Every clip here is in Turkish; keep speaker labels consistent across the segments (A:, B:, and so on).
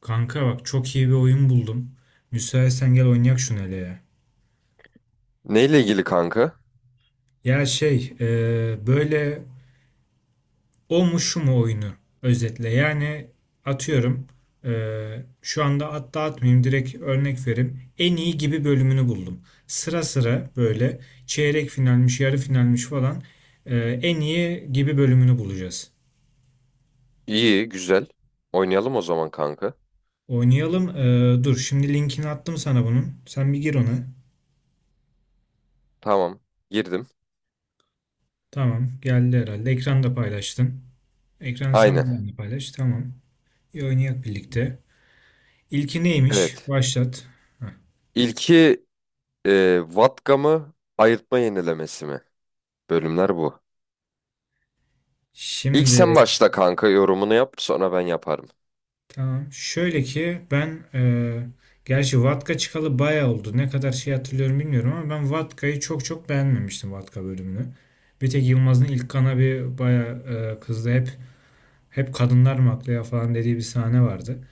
A: Kanka bak çok iyi bir oyun buldum. Müsaitsen gel oynayak şunu hele ya.
B: Neyle ilgili kanka?
A: Ya böyle o mu şu mu oyunu özetle. Yani atıyorum, şu anda hatta atmayayım, direkt örnek vereyim. En iyi gibi bölümünü buldum. Sıra sıra böyle çeyrek finalmiş yarı finalmiş falan, en iyi gibi bölümünü bulacağız.
B: İyi, güzel. Oynayalım o zaman kanka.
A: Oynayalım. Dur şimdi linkini attım sana bunun. Sen bir gir ona.
B: Tamam, girdim.
A: Tamam geldi herhalde. Ekranda paylaştım. Ekranı sen
B: Aynen.
A: benimle paylaş. Tamam. İyi oynayak birlikte. İlki neymiş?
B: Evet.
A: Başlat. Heh.
B: İlki Vatka mı, ayırtma yenilemesi mi? Bölümler bu. İlk
A: Şimdi
B: sen başla kanka yorumunu yap, sonra ben yaparım.
A: tamam. Şöyle ki ben, gerçi Vatka çıkalı bayağı oldu. Ne kadar şey hatırlıyorum bilmiyorum ama ben Vatka'yı çok çok beğenmemiştim, Vatka bölümünü. Bir tek Yılmaz'ın ilk kana bir bayağı, kızdı. Hep kadınlar mı haklı ya falan dediği bir sahne vardı.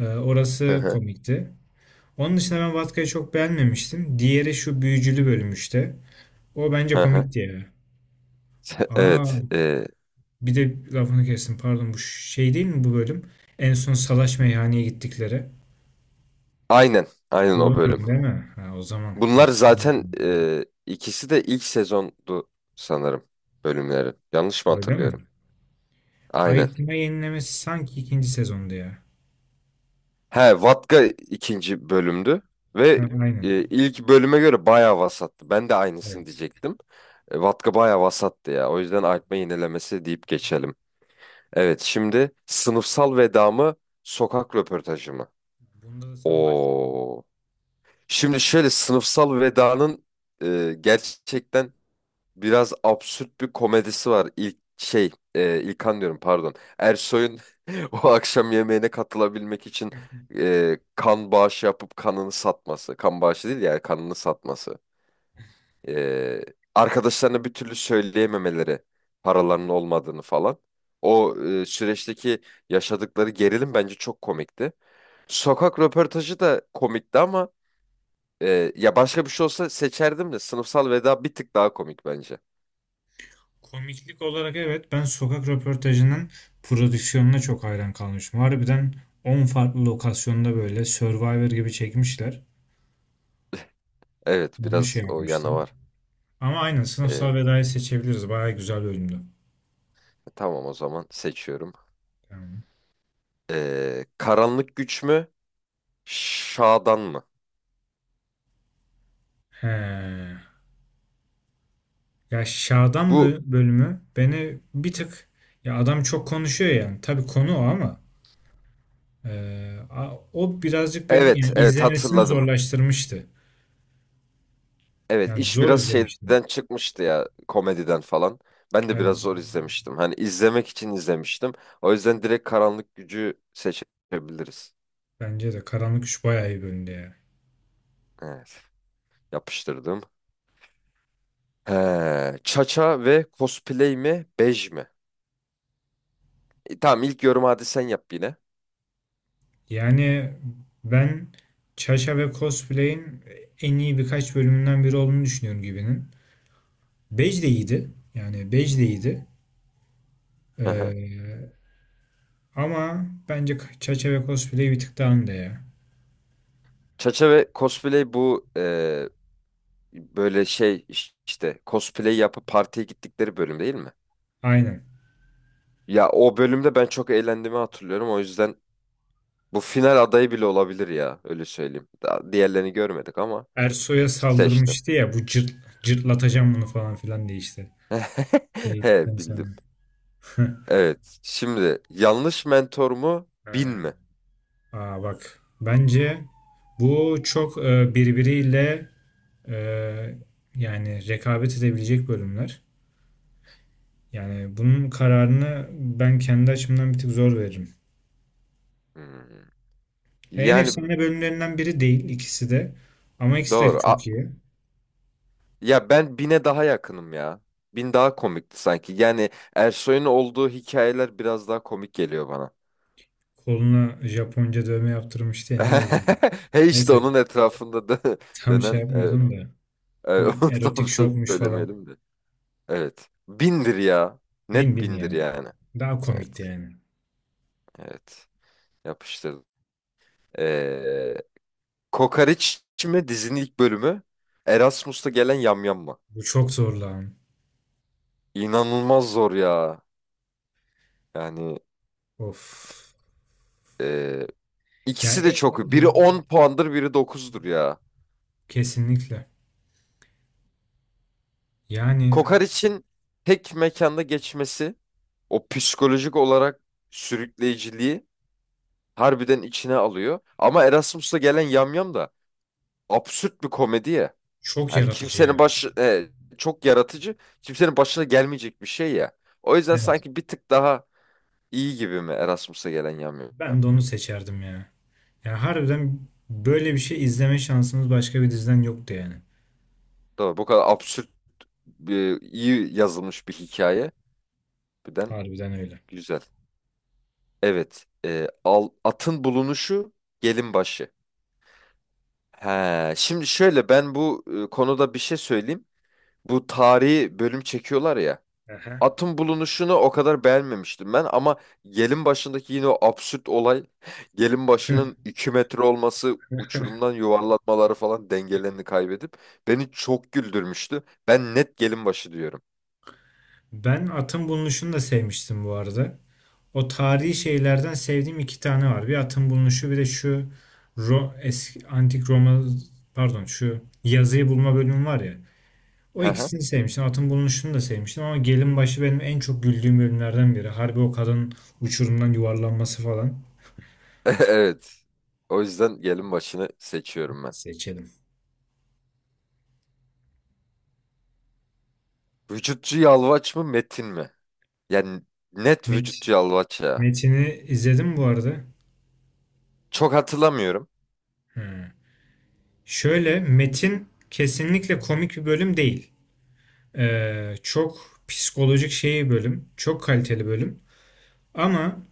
B: Hı
A: Orası
B: hı.
A: komikti. Onun dışında ben Vatka'yı çok beğenmemiştim. Diğeri şu büyücülü bölüm işte. O bence
B: Hı hı.
A: komikti ya. Aa,
B: Evet.
A: bir de lafını kestim. Pardon, bu şey değil mi bu bölüm? En son salaş meyhaneye gittikleri.
B: Aynen. Aynen
A: Bu
B: o bölüm.
A: bölüm değil mi? Ha, o zaman
B: Bunlar
A: tartışmalı.
B: zaten ikisi de ilk sezondu sanırım bölümleri. Yanlış mı
A: Öyle mi?
B: hatırlıyorum? Aynen.
A: Ayıtma yenilemesi sanki ikinci sezonda ya.
B: He, Vatka ikinci bölümdü
A: Ha,
B: ve
A: aynen.
B: ilk bölüme göre bayağı vasattı. Ben de aynısını
A: Evet.
B: diyecektim. Vatka bayağı vasattı ya. O yüzden artma yinelemesi deyip geçelim. Evet, şimdi sınıfsal veda mı, sokak röportajı mı?
A: Bunda da sen başla.
B: Oo. Şimdi şöyle sınıfsal vedanın gerçekten biraz absürt bir komedisi var. İlk şey, İlkan diyorum pardon. Ersoy'un o akşam yemeğine katılabilmek için kan bağışı yapıp kanını satması. Kan bağışı değil yani kanını satması. E, Arkadaşlarına bir türlü söyleyememeleri, paralarının olmadığını falan. O süreçteki yaşadıkları gerilim bence çok komikti. Sokak röportajı da komikti ama ya başka bir şey olsa seçerdim de sınıfsal veda bir tık daha komik bence.
A: Komiklik olarak evet, ben sokak röportajının prodüksiyonuna çok hayran kalmışım. Harbiden 10 farklı lokasyonda böyle Survivor gibi çekmişler.
B: Evet
A: Onu
B: biraz
A: şey
B: o yana
A: yapmıştım.
B: var.
A: Ama aynen
B: Ee,
A: sınıfsal vedayı seçebiliriz. Bayağı güzel bölümdü.
B: tamam o zaman seçiyorum.
A: Tamam.
B: Karanlık güç mü? Şadan mı?
A: He. Ya
B: Bu
A: bölümü beni bir tık, ya adam çok konuşuyor yani. Tabii konu o ama, e, o birazcık beni
B: evet
A: yani
B: evet
A: izlemesini
B: hatırladım.
A: zorlaştırmıştı.
B: Evet
A: Yani
B: iş
A: zor
B: biraz şeyden
A: izlemiştim.
B: çıkmıştı ya komediden falan. Ben de biraz
A: Evet.
B: zor izlemiştim. Hani izlemek için izlemiştim. O yüzden direkt karanlık gücü seçebiliriz.
A: Bence de Karanlık Üç bayağı iyi bölümdü ya.
B: Evet yapıştırdım. He, Çaça ve cosplay mi? Bej mi? Tamam ilk yorum hadi sen yap yine.
A: Yani ben Çaşa ve Cosplay'in en iyi birkaç bölümünden biri olduğunu düşünüyorum gibinin. Bej de iyiydi. Yani Bej de iyiydi.
B: Hı hı.
A: E, Ama bence Çaşa ve Cosplay bir tık daha önde ya.
B: Çaça ve cosplay bu böyle şey işte cosplay yapıp partiye gittikleri bölüm değil mi?
A: Aynen.
B: Ya o bölümde ben çok eğlendiğimi hatırlıyorum. O yüzden bu final adayı bile olabilir ya öyle söyleyeyim. Daha diğerlerini görmedik ama
A: Ersoy'a
B: seçtim.
A: saldırmıştı ya bu cırt, cırtlatacağım bunu falan filan diye işte.
B: He
A: Değildikten sonra.
B: bildim. Evet. Şimdi yanlış mentor mu bin
A: Ha.
B: mi?
A: Aa bak. Bence bu çok, e, yani rekabet edebilecek bölümler. Yani bunun kararını ben kendi açımdan bir tık zor veririm.
B: Hmm.
A: Ya en
B: Yani
A: efsane bölümlerinden biri değil ikisi de. Ama ikisi de
B: doğru.
A: çok iyi.
B: Ya ben bine daha yakınım ya. Bin daha komikti sanki. Yani Ersoy'un olduğu hikayeler biraz daha komik geliyor bana.
A: Koluna Japonca dövme yaptırmıştı ya, ne yazıyordu?
B: He işte
A: Neyse,
B: onun etrafında
A: tam şey
B: dönen evet.
A: yapmıyordum da. O
B: Evet, onu tam
A: erotik şokmuş falan.
B: söylemeyelim de. Evet. Bindir ya.
A: Bin
B: Net
A: bin
B: bindir
A: ya.
B: yani.
A: Daha komikti
B: Evet.
A: yani.
B: Evet. Yapıştırdım. Ee, Kokoreç mi dizinin ilk bölümü? Erasmus'ta gelen yamyam mı?
A: Bu çok zor lan.
B: İnanılmaz zor ya. Yani
A: Of.
B: e,
A: Ya
B: ikisi de çok. Biri
A: eğlence.
B: 10 puandır, biri dokuzdur ya.
A: Kesinlikle. Yani
B: Kokoreç'in tek mekanda geçmesi, o psikolojik olarak sürükleyiciliği harbiden içine alıyor. Ama Erasmus'la gelen Yamyam da absürt bir komedi ya.
A: çok
B: Hani
A: yaratıcı
B: kimsenin
A: ya.
B: başı çok yaratıcı, kimsenin başına gelmeyecek bir şey ya. O yüzden
A: Evet.
B: sanki bir tık daha iyi gibi mi Erasmus'la gelen Yamyam?
A: Ben de onu seçerdim ya. Ya harbiden böyle bir şey izleme şansımız başka bir diziden yoktu yani.
B: Doğru. Bu kadar absürt bir, iyi yazılmış bir hikaye. Birden
A: Harbiden öyle.
B: güzel. Evet. Atın bulunuşu gelin başı. He, şimdi şöyle ben bu konuda bir şey söyleyeyim. Bu tarihi bölüm çekiyorlar ya.
A: Aha.
B: Atın bulunuşunu o kadar beğenmemiştim ben ama gelin başındaki yine o absürt olay, gelin başının 2 metre olması, uçurumdan yuvarlatmaları falan dengelerini kaybedip beni çok güldürmüştü. Ben net gelin başı diyorum.
A: Ben Atın Bulunuşu'nu da sevmiştim bu arada. O tarihi şeylerden sevdiğim iki tane var. Bir atın bulunuşu, bir de şu eski, antik Roma, pardon, şu yazıyı bulma bölümü var ya. O
B: Hı hı.
A: ikisini sevmiştim. Atın bulunuşunu da sevmiştim ama Gelinbaşı benim en çok güldüğüm bölümlerden biri. Harbi o kadın uçurumdan yuvarlanması falan.
B: Evet. O yüzden gelin başını seçiyorum ben.
A: Seçelim.
B: Vücutçu Yalvaç mı Metin mi? Yani net
A: Met
B: vücutçu Yalvaç ya.
A: Metin'i izledim bu arada.
B: Çok hatırlamıyorum.
A: Hı. Şöyle Metin kesinlikle komik bir bölüm değil. Çok psikolojik şey bir bölüm. Çok kaliteli bölüm. Ama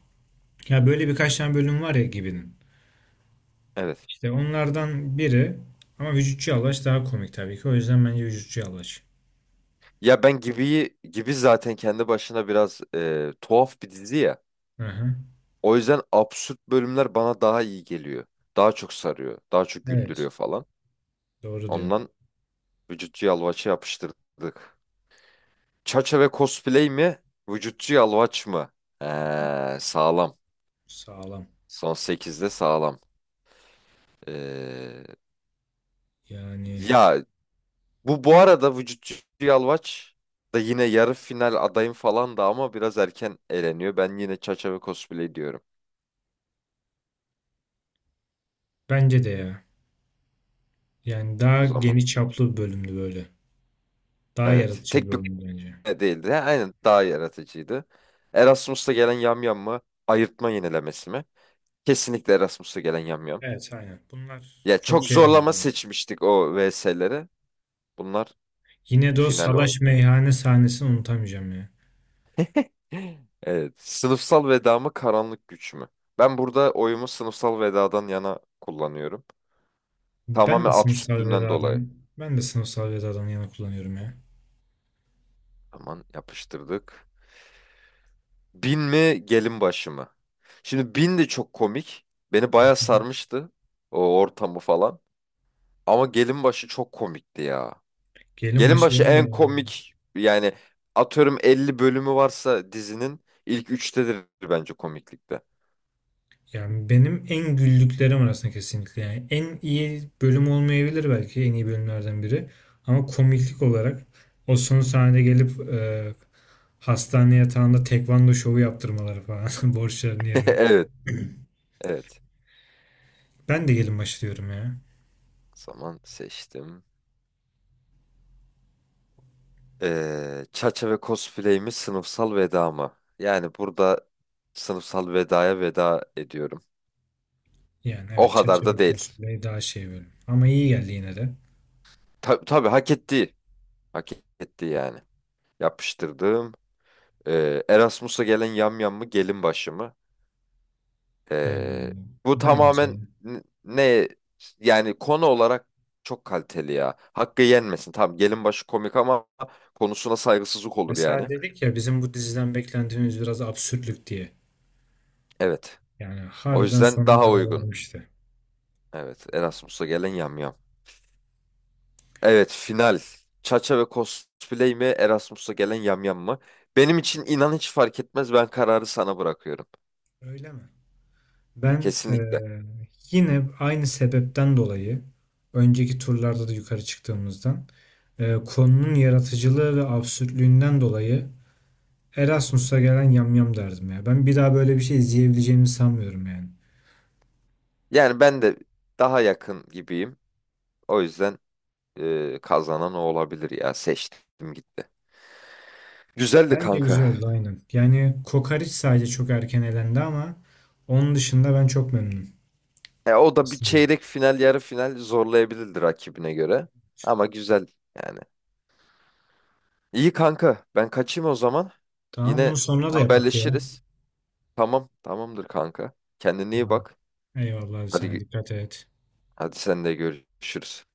A: ya böyle birkaç tane bölüm var ya gibinin.
B: Evet.
A: İşte onlardan biri ama Vücutçu Yalvaç daha komik tabii ki. O yüzden bence Vücutçu Yalvaç.
B: Ya ben Gibi'yi, Gibi zaten kendi başına biraz tuhaf bir dizi ya.
A: Hı hı.
B: O yüzden absürt bölümler bana daha iyi geliyor. Daha çok sarıyor. Daha çok
A: Evet.
B: güldürüyor falan.
A: Doğru diyorsun.
B: Ondan vücutçu yalvaçı yapıştırdık. Çaça ve cosplay mi? Vücutçu yalvaç mı? Sağlam.
A: Sağlam.
B: Son sekizde sağlam. Ee,
A: Yani
B: Ya bu arada vücutçu yalvaç da yine yarı final adayım falan da ama biraz erken eleniyor. Ben yine çaça ve cosplay diyorum
A: bence de ya. Yani daha
B: o zaman.
A: geniş çaplı bir bölümdü böyle. Daha
B: Evet.
A: yaratıcı bir
B: Tek bir
A: bölümdü bence.
B: Değildi. Ha, aynen daha yaratıcıydı. Erasmus'ta gelen yamyam mı? Ayırtma yenilemesi mi? Kesinlikle Erasmus'ta gelen yamyam.
A: Evet aynen. Bunlar
B: Ya
A: çok
B: çok
A: şey olmadı
B: zorlama
A: yani.
B: seçmiştik o VS'leri. Bunlar
A: Yine de o
B: finale
A: salaş
B: oynuyor.
A: meyhane sahnesini unutamayacağım ya.
B: Evet. Sınıfsal veda mı karanlık güç mü? Ben burada oyumu sınıfsal vedadan yana kullanıyorum.
A: Ben
B: Tamamen
A: de sınıfsal
B: absürtlüğünden
A: veda
B: dolayı.
A: adam. Ben de sınıfsal veda adamı yana kullanıyorum ya.
B: Aman yapıştırdık. Bin mi gelin başı mı? Şimdi bin de çok komik. Beni bayağı sarmıştı. O ortamı falan. Ama Gelinbaşı çok komikti ya.
A: Gelin başı
B: Gelinbaşı
A: benim de
B: en
A: yani.
B: komik yani atıyorum 50 bölümü varsa dizinin ilk 3'tedir bence komiklikte.
A: Yani benim en güldüklerim arasında kesinlikle. Yani en iyi bölüm olmayabilir, belki en iyi bölümlerden biri. Ama komiklik olarak o son sahnede gelip, hastane yatağında tekvando şovu yaptırmaları falan borçların yerine.
B: Evet, evet.
A: Ben de gelin başlıyorum ya.
B: O zaman seçtim. Çaça ve cosplay mi sınıfsal veda mı? Yani burada sınıfsal vedaya veda ediyorum.
A: Yani
B: O
A: evet,
B: kadar da
A: Çerçeve
B: değil.
A: Cosplay daha şey bölüm. Ama iyi geldi yine de.
B: Tabii hak etti. Hak etti yani. Yapıştırdım. Erasmus'a gelen yamyam mı gelin başı mı?
A: Ee,
B: Ee, Bu tamamen
A: Bence.
B: ne yani konu olarak çok kaliteli ya. Hakkı yenmesin. Tamam gelin başı komik ama konusuna saygısızlık olur
A: Mesela
B: yani.
A: dedik ya, bizim bu diziden beklentimiz biraz absürtlük diye.
B: Evet.
A: Yani
B: O
A: harbiden
B: yüzden
A: sonuna
B: daha
A: kadar
B: uygun.
A: vermişti.
B: Evet. Erasmus'a gelen yamyam. Evet final. Çaça ve cosplay mi Erasmus'a gelen yamyam mı? Benim için inan hiç fark etmez. Ben kararı sana bırakıyorum.
A: Öyle mi? Ben
B: Kesinlikle.
A: eee, yine aynı sebepten dolayı, önceki turlarda da yukarı çıktığımızdan, konunun yaratıcılığı ve absürtlüğünden dolayı Erasmus'a gelen yamyam derdim ya. Ben bir daha böyle bir şey izleyebileceğimi sanmıyorum yani.
B: Yani ben de daha yakın gibiyim. O yüzden kazanan o olabilir ya. Seçtim gitti. Güzeldi
A: Bence güzel
B: kanka.
A: oldu aynen. Yani Kokariç sadece çok erken elendi ama onun dışında ben çok memnunum.
B: E, o da bir
A: İsterim.
B: çeyrek final, yarı final zorlayabilirdi rakibine göre. Ama güzel yani. İyi kanka. Ben kaçayım o zaman.
A: Tamam, bunu
B: Yine
A: sonra da yapak ya.
B: haberleşiriz. Tamam, tamamdır kanka. Kendine iyi
A: Tamam.
B: bak.
A: Eyvallah, sen
B: Hadi
A: dikkat et.
B: hadi sen de görüşürüz.